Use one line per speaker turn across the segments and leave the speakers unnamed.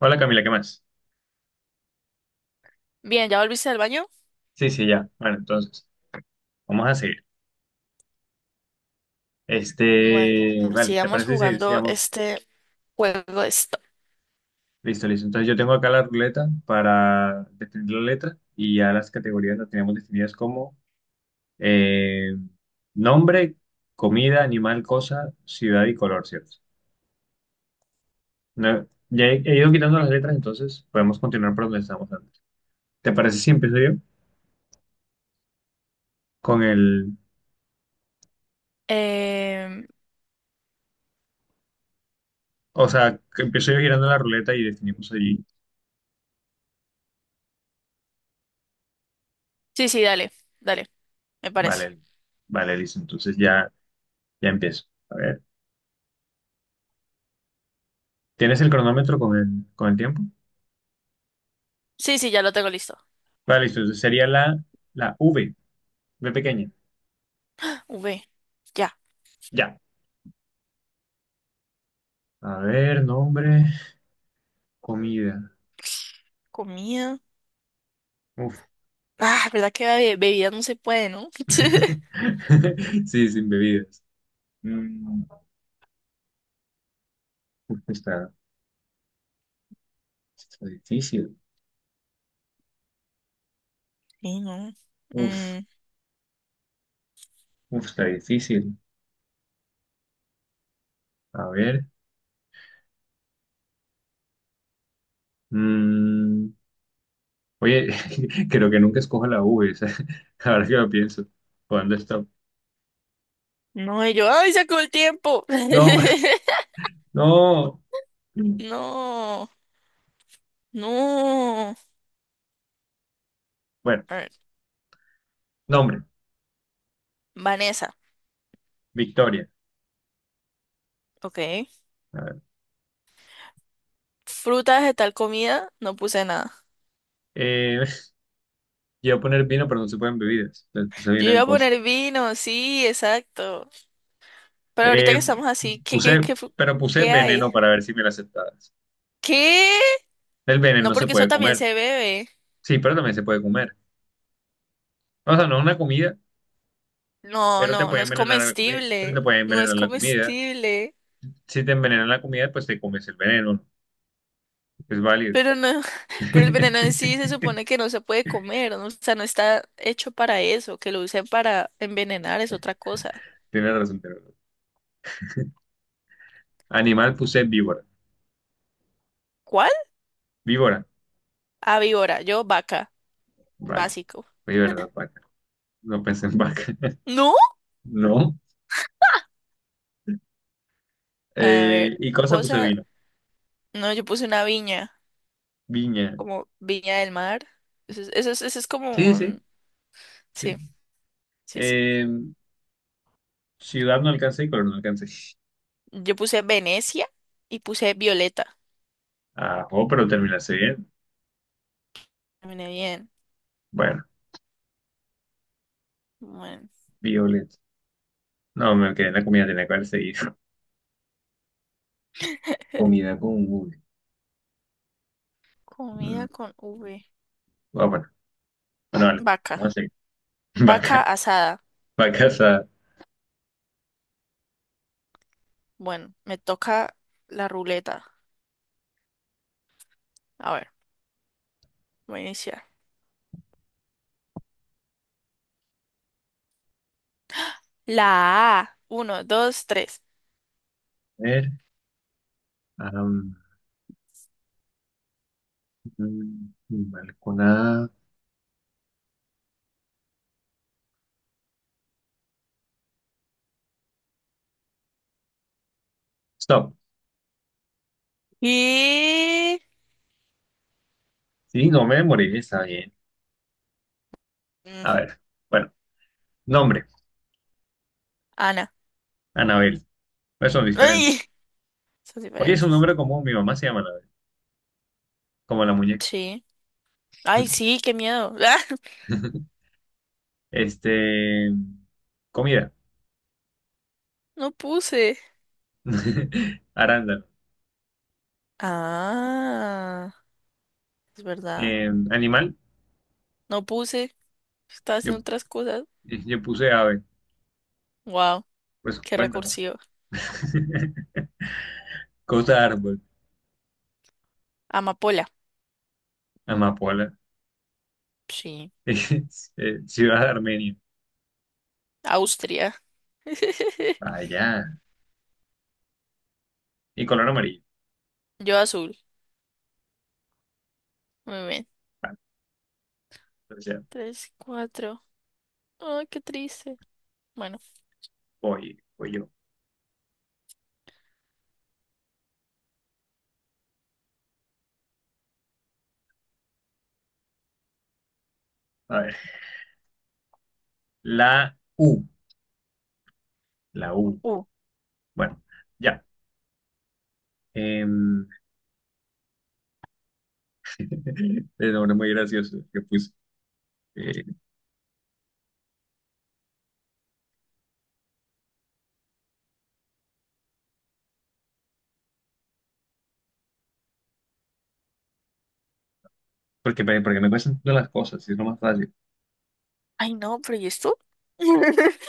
Hola Camila, ¿qué más?
Bien, ¿ya volviste al baño?
Sí, sí, ya. Bueno, entonces, vamos a seguir.
Bueno,
Este, vale, ¿te
sigamos
parece si
jugando
sigamos?
este juego de stop.
Listo, listo. Entonces yo tengo acá la ruleta para definir la letra y ya las categorías las tenemos definidas como eh, nombre, comida, animal, cosa, ciudad y color, ¿cierto? No, ya he ido quitando las letras, entonces podemos continuar por donde estábamos antes. ¿Te parece si empiezo yo con el,
Em,
o sea, que empiezo yo girando la ruleta y definimos allí?
sí, sí, dale, dale, me parece.
Vale, vale, listo. Entonces ya. Ya empiezo. A ver. ¿Tienes el cronómetro con el tiempo?
Sí, sí, ya lo tengo listo.
Vale, listo. Entonces sería la V, V pequeña.
V, ya,
Ya. A ver, nombre, comida.
comida.
Uf.
Ah, ¿verdad que bebida bebidas no se puede, no?
Sí, sin bebidas. Mm, uf, está, está difícil.
Sí, no.
Uf,
Mm,
uf, está difícil. A ver. mm, oye, creo que nunca escojo la V. O sea, ahora que lo pienso. ¿Cuándo está?
no, y yo, ¡ay, se acabó el tiempo!
No, no.
No, no.
Bueno,
A ver,
nombre,
Vanessa,
Victoria.
ok. Fruta, vegetal, comida, no puse nada.
Eh, iba a poner vino, pero no se pueden bebidas. Entonces puse
Yo
vino en
iba a
cosas.
poner vino, sí, exacto. Pero ahorita que
Eh,
estamos así, ¿qué, qué, qué, fu-
pero puse
qué hay?
veneno para ver si me la aceptabas.
¿Qué?
El
No,
veneno se
porque eso
puede
también
comer.
se bebe.
Sí, pero también se puede comer. O sea, no es una comida,
No,
pero te
no, no
puede
es
envenenar la comida. Pero te
comestible.
puede
No es
envenenar la comida.
comestible.
Si te envenenan la comida, pues te comes el veneno, ¿no? Es válido.
Pero no, pero el
Tienes
veneno en sí se supone que no se puede comer, ¿no? O sea, no está hecho para eso. Que lo usen para envenenar es otra cosa.
razón, tienes razón. Animal puse víbora.
¿Cuál?
Víbora.
Ah, víbora. Yo, vaca.
Vaca.
Básico.
Oye, ¿verdad? Vaca. No pensé en vaca.
¿No?
No.
A ver,
Y cosa puse
cosa.
vino.
No, yo puse una viña,
Viña.
como viña del mar. Eso es como
Sí, sí.
un.
Sí.
Sí, sí, sí.
Eh, ciudad no alcancé y color no alcancé.
Yo puse Venecia y puse Violeta.
Ah, oh, pero terminaste bien.
Terminé bien.
Bueno,
Bueno,
Violet. No, me quedé en la comida, tenía que haber seguido. Comida con V. Mm,
comida con V.
ah, bueno, bueno, vale.
Vaca.
Vamos a seguir.
Vaca
Vaca,
asada.
vacas a
Bueno, me toca la ruleta. A ver, voy a iniciar. La A. Uno, dos, tres.
ver. am, animal con A. Stop.
Y,
Sí, no me morí, está bien. A
mm,
ver, bueno, nombre,
Ana.
Anabel. Pues son diferentes.
¡Ay! Son
Oye, es un
diferentes.
nombre común, mi mamá se llama Anabel, como la muñeca.
Sí. Ay, sí, qué miedo. ¡Ah!
Este, comida.
No puse.
Arándano.
Ah, es verdad.
Animal,
No puse. Estaba
yo,
haciendo otras cosas.
yo puse ave.
Wow,
Pues
qué
cuéntalo.
recursivo.
Costa árbol,
Amapola.
amapola.
Sí,
Ciudad de Armenia.
Austria.
Allá. Y color amarillo.
Yo azul. Muy bien.
Vale, entonces ya
Tres, cuatro. Ay, qué triste. Bueno.
voy yo. A ver. La U. La U.
Uh.
Bueno, ya. Em, el nombre muy gracioso que puse. Eh, porque no me cuestan todas las cosas, es lo más fácil.
Ay, no, pero ¿y esto?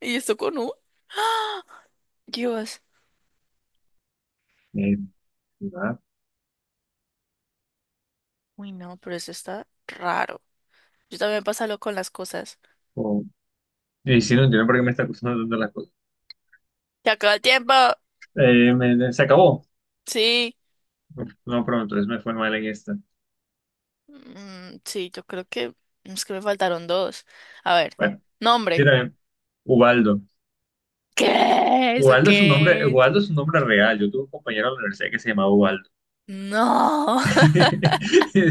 ¿Y esto con U? ¡Ah! Dios.
Eh, ¿Verdad?
Uy, no, pero eso está raro. Yo también pasa loco con las cosas.
O- y si no entiendo por qué me está costando tanto las cosas.
¡Se acabó el tiempo!
Se acabó.
Sí.
No, pero entonces me fue mal en esta.
Mm, sí, yo creo que. Es que me faltaron dos. A ver.
Bueno,
Nombre.
mira, bien. Ubaldo.
¿Qué? ¿Eso
Ubaldo es un nombre,
qué es?
Ubaldo es un nombre real. Yo tuve un compañero en la universidad que se llamaba Ubaldo.
No.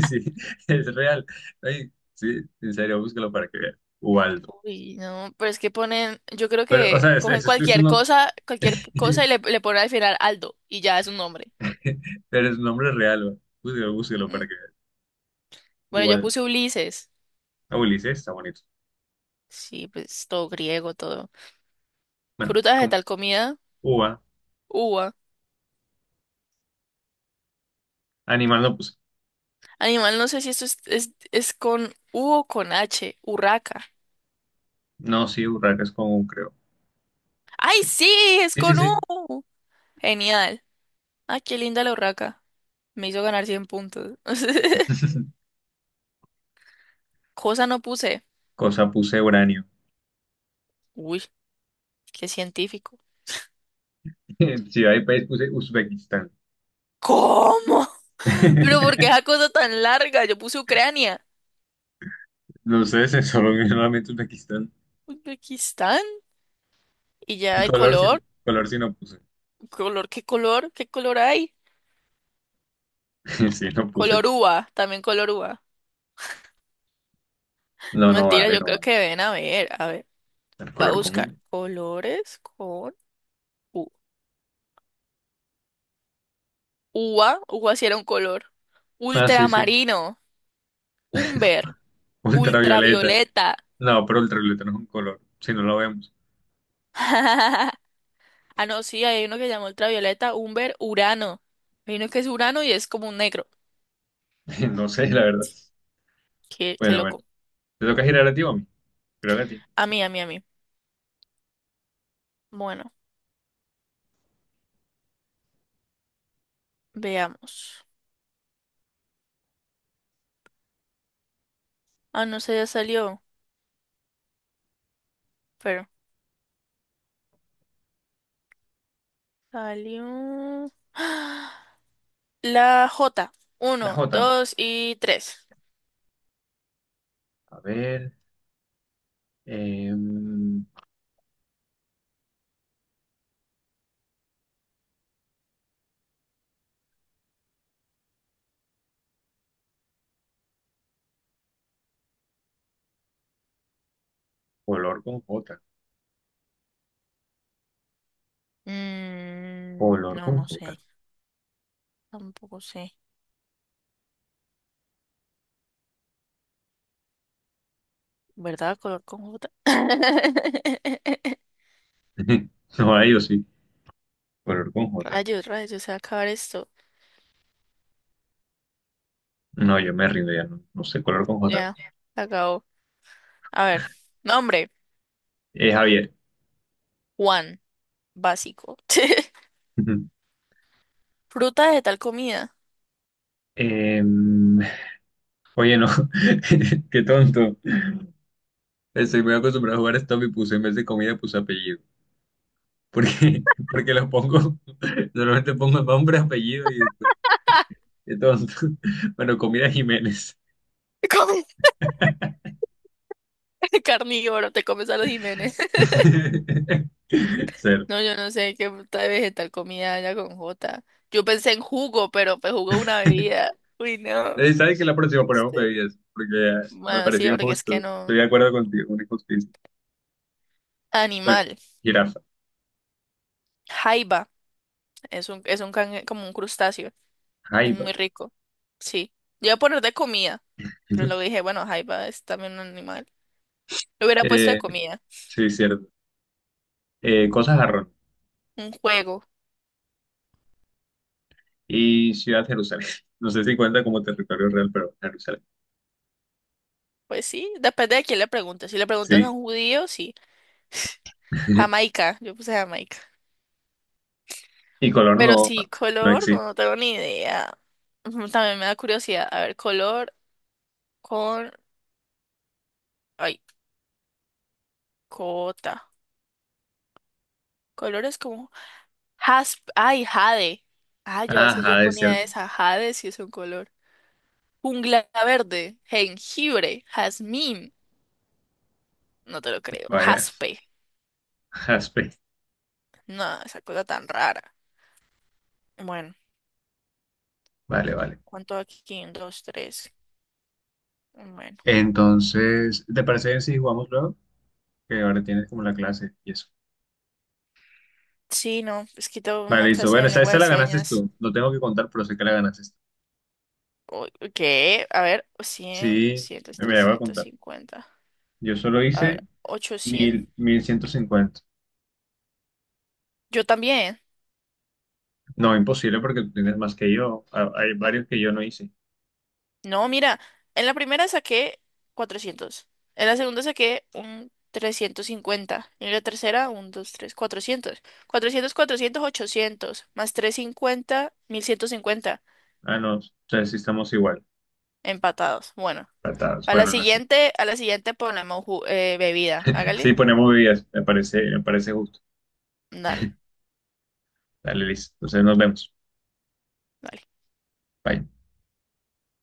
Sí, es real. Ay, sí, en serio, búscalo para que veas. Ubaldo.
Uy, no, pero es que ponen, yo creo
Pero, o
que
sea,
cogen
es uno-
cualquier cosa y le ponen al final Aldo y ya es un nombre.
pero es un nombre real. Güey. Búscalo, búscalo para
Mm.
que veas.
Bueno, yo
Ubaldo.
puse Ulises.
Ah, Ulises, está bonito.
Sí, pues todo griego, todo.
Bueno,
Fruta,
con
vegetal, comida,
uva.
uva.
Animal no puse.
Animal, no sé si esto es con U o con H. Urraca.
No, sí, urraca es común, creo.
¡Ay, sí! Es
Sí, sí,
con
sí.
U. Genial. ¡Ay, qué linda la urraca! Me hizo ganar 100 puntos. Cosa no puse.
Cosa puse uranio.
Uy, qué científico.
Ciudad y país puse Uzbekistán.
¿Cómo? Pero ¿por qué esa cosa tan larga? Yo puse Ucrania,
No sé, se solo solamente Uzbekistán.
Uzbekistán y ya
Y
hay color,
color sí no puse.
¿qué color? ¿Qué color hay?
Sí, no puse.
Color uva, también color uva.
No,
No,
no
mentira,
vale,
yo
no
creo
vale.
que ven a ver,
El
va a
color
buscar
común.
colores con u- uva, uva si era un color.
Ah, sí, sí.
Ultramarino, umber,
Ultravioleta.
ultravioleta.
No, pero ultravioleta no es un color. Si no lo vemos.
Ah, no, sí, hay uno que llama ultravioleta, umber, urano. Hay uno que es urano y es como un negro.
No sé, la verdad.
Qué
Bueno, bueno.
loco.
¿Te toca girar a ti o a mí? Creo que a ti.
A mí, a mí, a mí. Bueno. Veamos. Ah, no sé, ya salió. Pero salió. ¡Ah! La J.
La
Uno,
J.
dos y tres.
A ver. em, color con J.
Mm,
Color
no, no
con J.
sé. Tampoco sé. ¿Verdad? Color con J.
No hay, yo sí. Color con J.
Rayos, rayos, se va a acabar esto.
No, yo me rindo ya. No, no sé, color con J.
Ya, se acabó. A ver. Nombre.
Javier.
Juan. Básico.
Ujú.
Fruta de tal comida.
Em, oye, no, qué tonto. Estoy muy acostumbrado a jugar stop y puse en vez de comida, puse apellido. Porque lo pongo, normalmente pongo nombre, apellido y después, qué tonto. Bueno, comida Jiménez.
Come- Carnívoro, te comes a los Jiménez.
Cero.
No, yo no sé qué puta de vegetal comida haya con J. Yo pensé en jugo, pero pues jugo es una bebida. Uy, no.
¿Sabes que la próxima ponemos
¿Viste?
bebidas? Porque me
Bueno, sí,
pareció
porque es
injusto.
que
Estoy
no.
de acuerdo contigo, una injusticia. Bueno,
Animal.
jirafa,
Jaiba. Como un crustáceo. Es
jaiba.
muy rico. Sí. Yo iba a poner de comida, pero luego dije, bueno, jaiba es también un animal. Lo hubiera puesto de
Eh,
comida.
sí, cierto. Cosas arroz.
Un juego.
Y Ciudad Jerusalén. No sé si cuenta como territorio real, pero Jerusalén.
Pues sí, depende de quién le preguntes. Si le preguntas a
Sí.
un judío, sí. Jamaica. Yo puse Jamaica.
Y color
Pero
no,
sí,
no
color, no,
existe.
no tengo ni idea. Ujú, también me da curiosidad. A ver, color con. Ay, cota. Colores como. Jasp. Ay, jade. Ah, yo a veces yo
Ajá, es
ponía
cierto.
esa. Jade si es un color. Jungla verde. Jengibre. Jazmín. No te lo creo.
Vaya,
Jaspe.
jaspe.
No, esa cosa tan rara. Bueno,
Vale, vale.
¿cuánto aquí? Un, dos, tres. Bueno.
Entonces, ¿te parece bien si jugamos luego? Que ahora tienes como la clase y eso.
Sí, no. Es que tengo
Vale,
una
listo.
clase
Bueno,
de
esta,
lengua
esta
de
la ganaste
señas.
tú. No tengo que contar, pero sé que la ganaste tú.
O- ¿Qué? A ver, 100,
Sí, me la voy a
trescientos
contar.
cincuenta
Yo solo
A ver,
hice
800.
1.000, 1.150.
Yo también.
No, imposible porque tú tienes más que yo. Ah, hay varios que yo no hice.
No, mira, en la primera saqué 400. En la segunda saqué un 350. Y en la tercera, un 2 3 400 400 400 ochocientos. Más 350 1150.
Ah, no. O sea, sí estamos igual.
Empatados. Bueno,
Atados.
a la
Bueno, no sé.
siguiente, ponemos bebida.
Sí,
Hágale.
ponemos bebidas. Me parece justo.
Dale,
Dale, listo. Entonces nos vemos.
dale.
Bye.